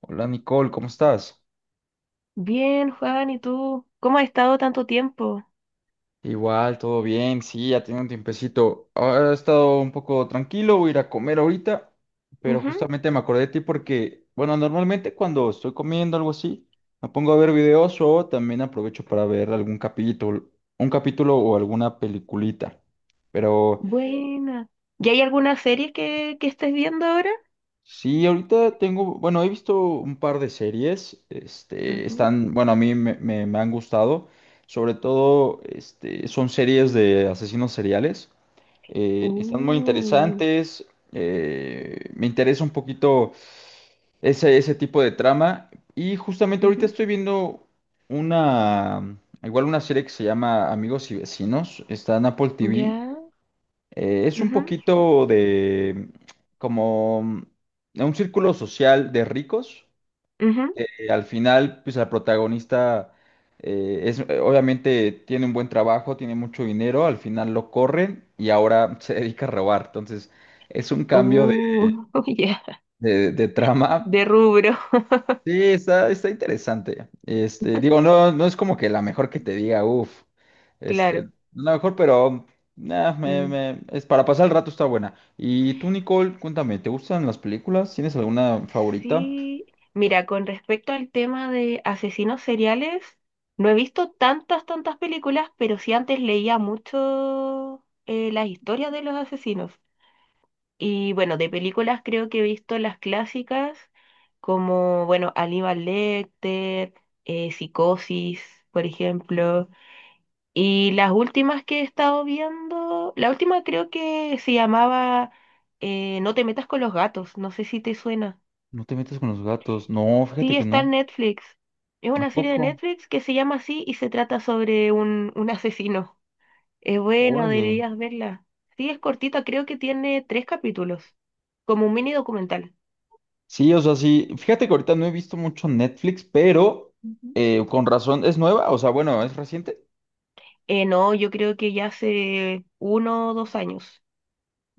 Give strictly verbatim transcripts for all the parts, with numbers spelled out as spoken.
Hola Nicole, ¿cómo estás? Bien, Juan, ¿y tú? ¿Cómo has estado tanto tiempo? Igual, todo bien, sí, ya tiene un tiempecito. Ahora he estado un poco tranquilo, voy a ir a comer ahorita, pero Ujú. justamente me acordé de ti porque, bueno, normalmente cuando estoy comiendo algo así, me pongo a ver videos o también aprovecho para ver algún capítulo, un capítulo o alguna peliculita. Pero Buena. ¿Y hay alguna serie que, que estés viendo ahora? sí, ahorita tengo, bueno, he visto un par de series, este, Ujú. están, bueno, a mí me, me- me han gustado, sobre todo, este, son series de asesinos seriales, eh, están muy Uh. interesantes, eh, me interesa un poquito ese, ese tipo de trama, y justamente ahorita estoy viendo una, igual una serie que se llama Amigos y Vecinos, está en Apple Ujú, T V, ya. eh, es un Ujú, poquito de como un círculo social de ricos. ujú, Que al final, pues la protagonista eh, es, eh, obviamente tiene un buen trabajo, tiene mucho dinero, al final lo corren y ahora se dedica a robar. Entonces, es un cambio de, uh, ya. de- de trama. De rubro. Sí, está, está interesante. Este, digo, no, no es como que la mejor que te diga, uff, este, Claro. la mejor, pero nah, me, Mm, me- es para pasar el rato, está buena. Y tú, Nicole, cuéntame, ¿te gustan las películas? ¿Tienes alguna favorita? sí. Mira, con respecto al tema de asesinos seriales, no he visto tantas, tantas películas, pero sí antes leía mucho eh, las historias de los asesinos. Y bueno, de películas creo que he visto las clásicas como, bueno, Aníbal Lecter, eh, Psicosis, por ejemplo. Y las últimas que he estado viendo, la última creo que se llamaba eh, No te metas con los gatos, no sé si te suena. No te metes con los gatos. No, fíjate Sí, que está no. en Netflix. Es ¿A una serie de poco? Netflix que se llama así y se trata sobre un, un asesino. Es buena, Órale. deberías verla. Sí, es cortita, creo que tiene tres capítulos, como un mini documental. Sí, o sea, sí. Fíjate que ahorita no he visto mucho Netflix, pero Ujú. eh, con razón, ¿es nueva? O sea, bueno, ¿es reciente? Eh, no, yo creo que ya hace uno o dos años.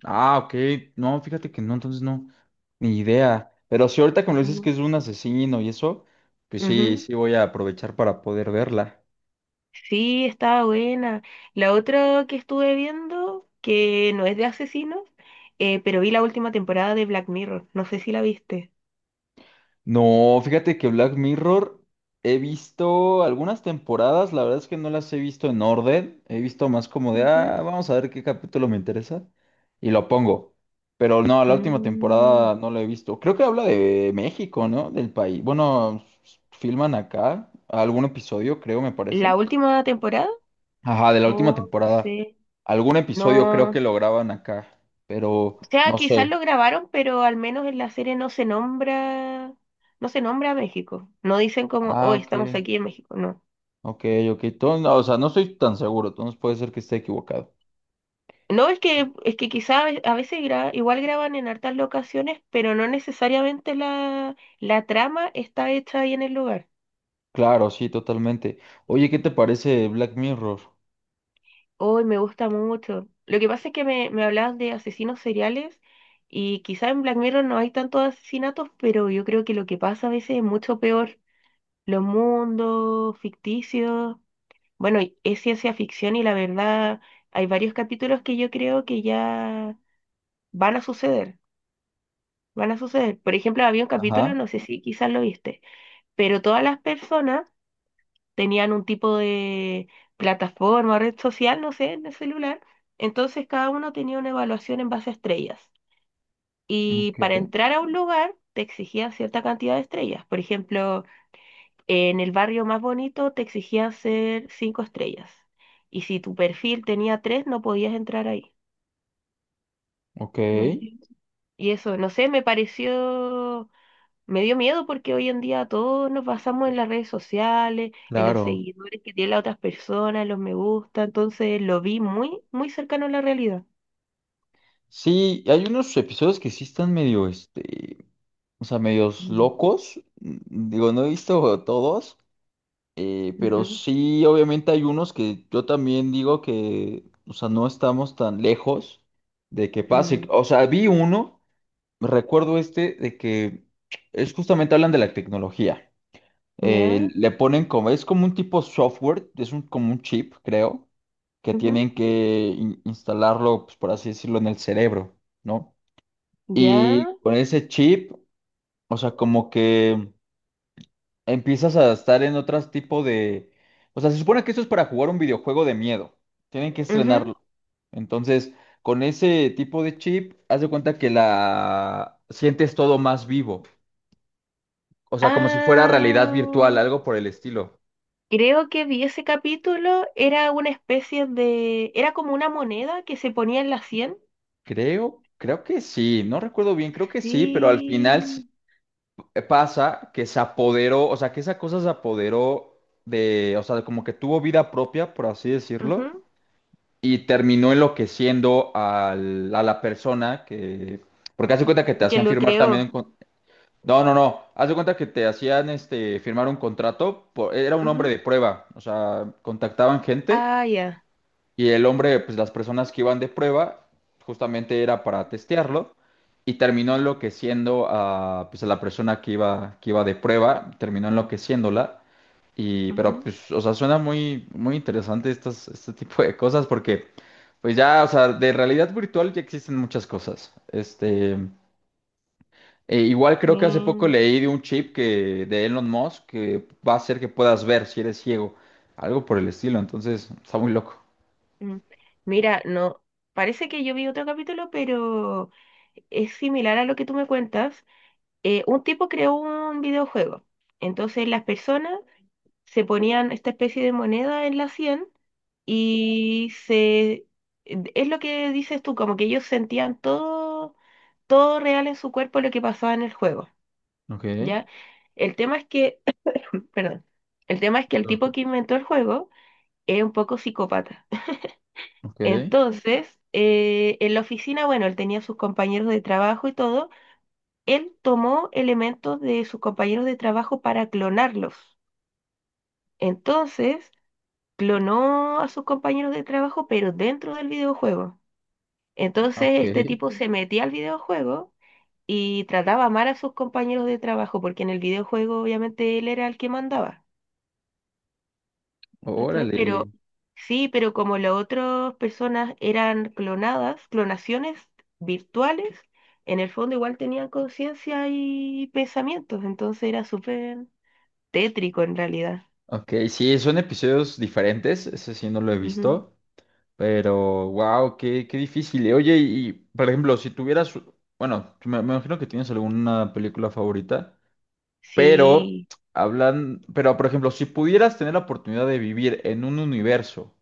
Ah, ok. No, fíjate que no, entonces no, ni idea. Pero si ahorita que me dices que Ujú. es un asesino y eso, pues sí, Ujú. sí voy a aprovechar para poder verla. Sí, estaba buena. La otra que estuve viendo, que no es de asesinos, eh, pero vi la última temporada de Black Mirror. No sé si la viste. No, fíjate que Black Mirror he visto algunas temporadas, la verdad es que no las he visto en orden, he visto más como de, Ujú. ah, vamos a ver qué capítulo me interesa y lo pongo. Pero no, la última temporada Mm, no la he visto. Creo que habla de México, ¿no? Del país. Bueno, filman acá algún episodio, creo, me parece. ¿La última temporada? Ajá, de la última Oh, no temporada. sé. Algún episodio creo que No. lo graban acá, O pero sea, no quizás sé. lo grabaron, pero al menos en la serie no se nombra, no se nombra a México. No dicen como, oh, Ah, ok, estamos aquí en México. No. ok, ok. Todo- no, o sea, no estoy tan seguro, entonces puede ser que esté equivocado. No, es que, es que quizás a veces gra- igual graban en hartas locaciones, pero no necesariamente la, la trama está hecha ahí en el lugar. Claro, sí, totalmente. Oye, ¿qué te parece Black Mirror? Hoy me gusta mucho. Lo que pasa es que me, me hablaban de asesinos seriales y quizás en Black Mirror no hay tantos asesinatos, pero yo creo que lo que pasa a veces es mucho peor. Los mundos ficticios, bueno, y es ciencia ficción y la verdad hay varios capítulos que yo creo que ya van a suceder. Van a suceder. Por ejemplo, había un capítulo, Ajá, no sé si quizás lo viste, pero todas las personas tenían un tipo de plataforma, red social, no sé, en el celular. Entonces cada uno tenía una evaluación en base a estrellas. Y para ok, entrar a un lugar te exigían cierta cantidad de estrellas. Por ejemplo, en el barrio más bonito te exigían ser cinco estrellas. Y si tu perfil tenía tres, no podías entrar ahí. ok, ¿Me entiendes? Y eso, no sé, me pareció me dio miedo porque hoy en día todos nos basamos en las redes sociales, en los Mm. claro. seguidores que tienen las otras personas, en los me gusta, entonces lo vi muy, muy cercano a la realidad. Sí, hay unos episodios que sí están medio, este, o sea, medios Mm. locos. Mm, Digo, no he visto todos. Eh, pero Ujú. sí, obviamente hay unos que yo también digo que, o sea, no estamos tan lejos de que pase. Mm. O sea, vi uno, recuerdo este, de que es justamente hablan de la tecnología. Eh, Ya, Le ponen como, es como un tipo software, es un, como un chip, creo, que ujú, tienen que in- instalarlo, pues, por así decirlo, en el cerebro, ¿no? ya, Y con ese chip, o sea, como que empiezas a estar en otro tipo de... O sea, se supone que esto es para jugar un videojuego de miedo. Tienen que ujú. estrenarlo. Entonces, con ese tipo de chip, haz de cuenta que la sientes todo más vivo. O sea, como si fuera realidad Ah, virtual, algo por el estilo. creo que vi ese capítulo, era una especie de, era como una moneda que se ponía en la cien. Creo, creo que sí, no recuerdo bien, creo que sí, pero al final s- Sí. eh, pasa que se apoderó, o sea, que esa cosa se apoderó de, o sea, como que tuvo vida propia, por así decirlo, Ujú. y terminó enloqueciendo al- a la persona que, porque hace cuenta que te Que hacían lo firmar también, un creó. con- no, no, no, hace cuenta que te hacían este, firmar un contrato, por- era un hombre Ujú. de prueba, o sea, contactaban gente Ah, ya. y el hombre, pues las personas que iban de prueba, justamente era para testearlo y terminó enloqueciendo a, pues, a la persona que iba, que iba de prueba, terminó enloqueciéndola. Y, pero, Ujú. pues, o sea, suena muy, muy interesante estas, este tipo de cosas porque, pues ya, o sea, de realidad virtual ya existen muchas cosas. Este, e igual creo que hace poco Bueno. leí de un chip que, de Elon Musk que va a hacer que puedas ver si eres ciego, algo por el estilo, entonces está muy loco. Mm. Mira, no, parece que yo vi otro capítulo, pero es similar a lo que tú me cuentas. Eh, un tipo creó un videojuego. Entonces las personas se ponían esta especie de moneda en la cien y se... Es lo que dices tú, como que ellos sentían todo, todo real en su cuerpo lo que pasaba en el juego, Ok. ¿ya? El tema es que, perdón, el tema es que el tipo que inventó el juego es un poco psicópata. Ok, Entonces, eh, en la oficina, bueno, él tenía sus compañeros de trabajo y todo. Él tomó elementos de sus compañeros de trabajo para clonarlos. Entonces, clonó a sus compañeros de trabajo, pero dentro del videojuego. Entonces, ok, este tipo se metía al videojuego y trataba mal a sus compañeros de trabajo, porque en el videojuego obviamente él era el que mandaba. ¿Cachai? Pero órale. sí, pero como las otras personas eran clonadas, clonaciones virtuales, en el fondo igual tenían conciencia y pensamientos, entonces era súper tétrico en realidad. Ok, sí, son episodios diferentes, ese sí no lo he Ujú. visto, pero wow, qué, qué difícil. Y oye, y por ejemplo, si tuvieras, bueno, me, me imagino que tienes alguna película favorita, pero Sí. hablan, pero por ejemplo, si pudieras tener la oportunidad de vivir en un universo,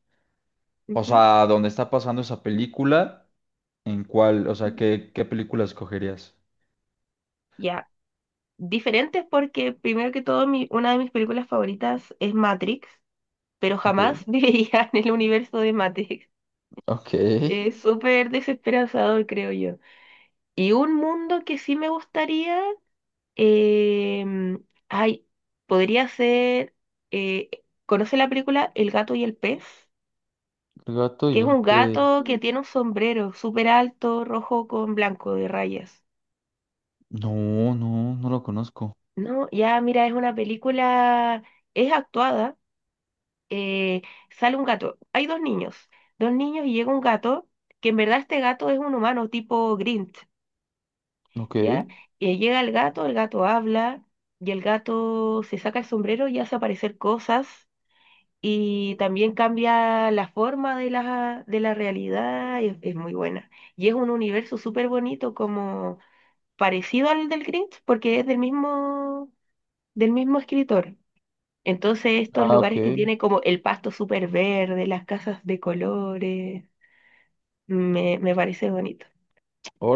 o Ujú, sea, donde está pasando esa película, ¿en cuál, o sea, ujú. qué, qué película escogerías? Ya. Diferentes porque primero que todo mi, una de mis películas favoritas es Matrix, pero Ok, jamás viviría en el universo de Matrix. ok, el Es súper desesperanzador, creo yo. Y un mundo que sí me gustaría. Em, Ay, podría ser. eh, ¿Conoce la película El gato y el pez? gato Que y es el un pez. gato que Mm, tiene un sombrero súper alto, rojo con blanco de rayas. No, no, no lo conozco. No, ya mira, es una película. Es actuada. eh, sale un gato. Hay dos niños. Dos niños y llega un gato. Que en verdad este gato es un humano tipo Grinch. Ok. ¿Ya? Y llega el gato, el gato habla. Y el gato se saca el sombrero y hace aparecer cosas y también cambia la forma de la, de la realidad, y es, es muy buena. Y es un universo súper bonito, como parecido al del Grinch, porque es del mismo, del mismo escritor. Entonces, estos Ah, ok. lugares que tiene como el pasto súper verde, las casas de colores, me, me parece bonito.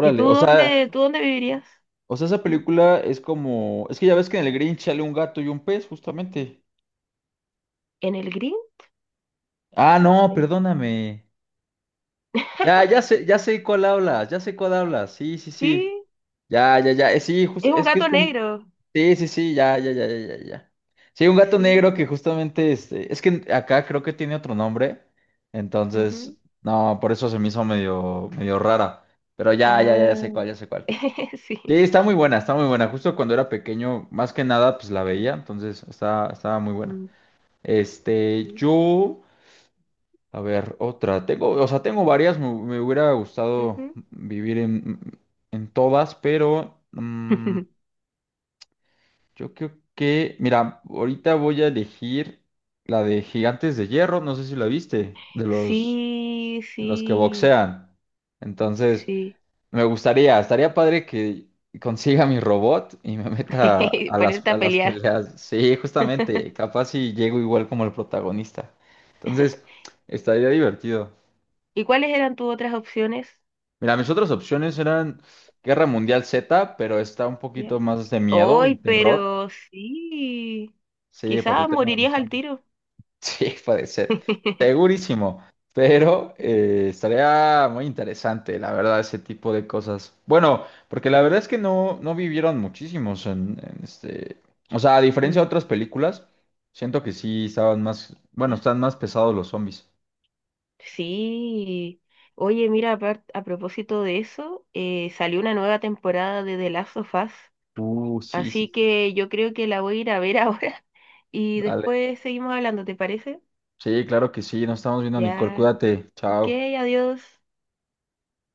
¿Y tú O sea, dónde, tú dónde vivirías? o sea, esa ¿Mm? película es como. Es que ya ves que en el Grinch sale un gato y un pez, justamente. ¿En el Grinch? Ah, no, Eh, perdóname. Ya, ya sé, ya sé cuál hablas, ya sé cuál hablas. Sí, sí, sí. Sí, Ya, ya, ya. Eh, sí, jus- es un es que es gato un. negro. Sí, sí, sí, ya, ya, ya, ya, ya, ya. Sí, un gato negro Sí. que justamente este. Es que acá creo que tiene otro nombre. Entonces, Ujú. no, por eso se me hizo medio, medio rara. Pero ya, ya, ya, ya Ah, sé cuál, ya sé cuál. Sí, sí. está muy buena, está muy buena. Justo cuando era pequeño, más que nada, pues la veía, entonces estaba, estaba muy buena. Este, Mm. yo, a ver, otra. Tengo, o sea, tengo varias, me, me hubiera gustado Ujú. vivir en, en todas, pero mm, yo creo que, mira, ahorita voy a elegir la de Gigantes de Hierro, no sé si la viste, de los, Sí, de los que sí, boxean. Entonces, sí. me gustaría, estaría padre que consiga mi robot y me meta a las, Ponerte a a las pelear. peleas. Sí, justamente, capaz si llego igual como el protagonista. Entonces, estaría divertido. ¿Y cuáles eran tus otras opciones? Mira, mis otras opciones eran Guerra Mundial Z, pero está un Ya. poquito más de miedo Hoy, y terror. pero sí. Sí, por el Quizás tema de los morirías al zombies. tiro. Sí, puede ser. Segurísimo. Pero eh, estaría muy interesante, la verdad, ese tipo de cosas. Bueno, porque la verdad es que no, no vivieron muchísimos en, en este. O sea, a diferencia de Mm. otras películas, siento que sí estaban más. Bueno, Ya. están más pesados los zombies. Sí. Oye, mira, apar- a propósito de eso, eh, salió una nueva temporada de The Last of Us, Uh, sí, sí, así sí. que yo creo que la voy a ir a ver ahora y Dale. después seguimos hablando, ¿te parece? Sí, claro que sí. Nos estamos viendo, Nicole. Ya. Cuídate. Ok, Chao. adiós.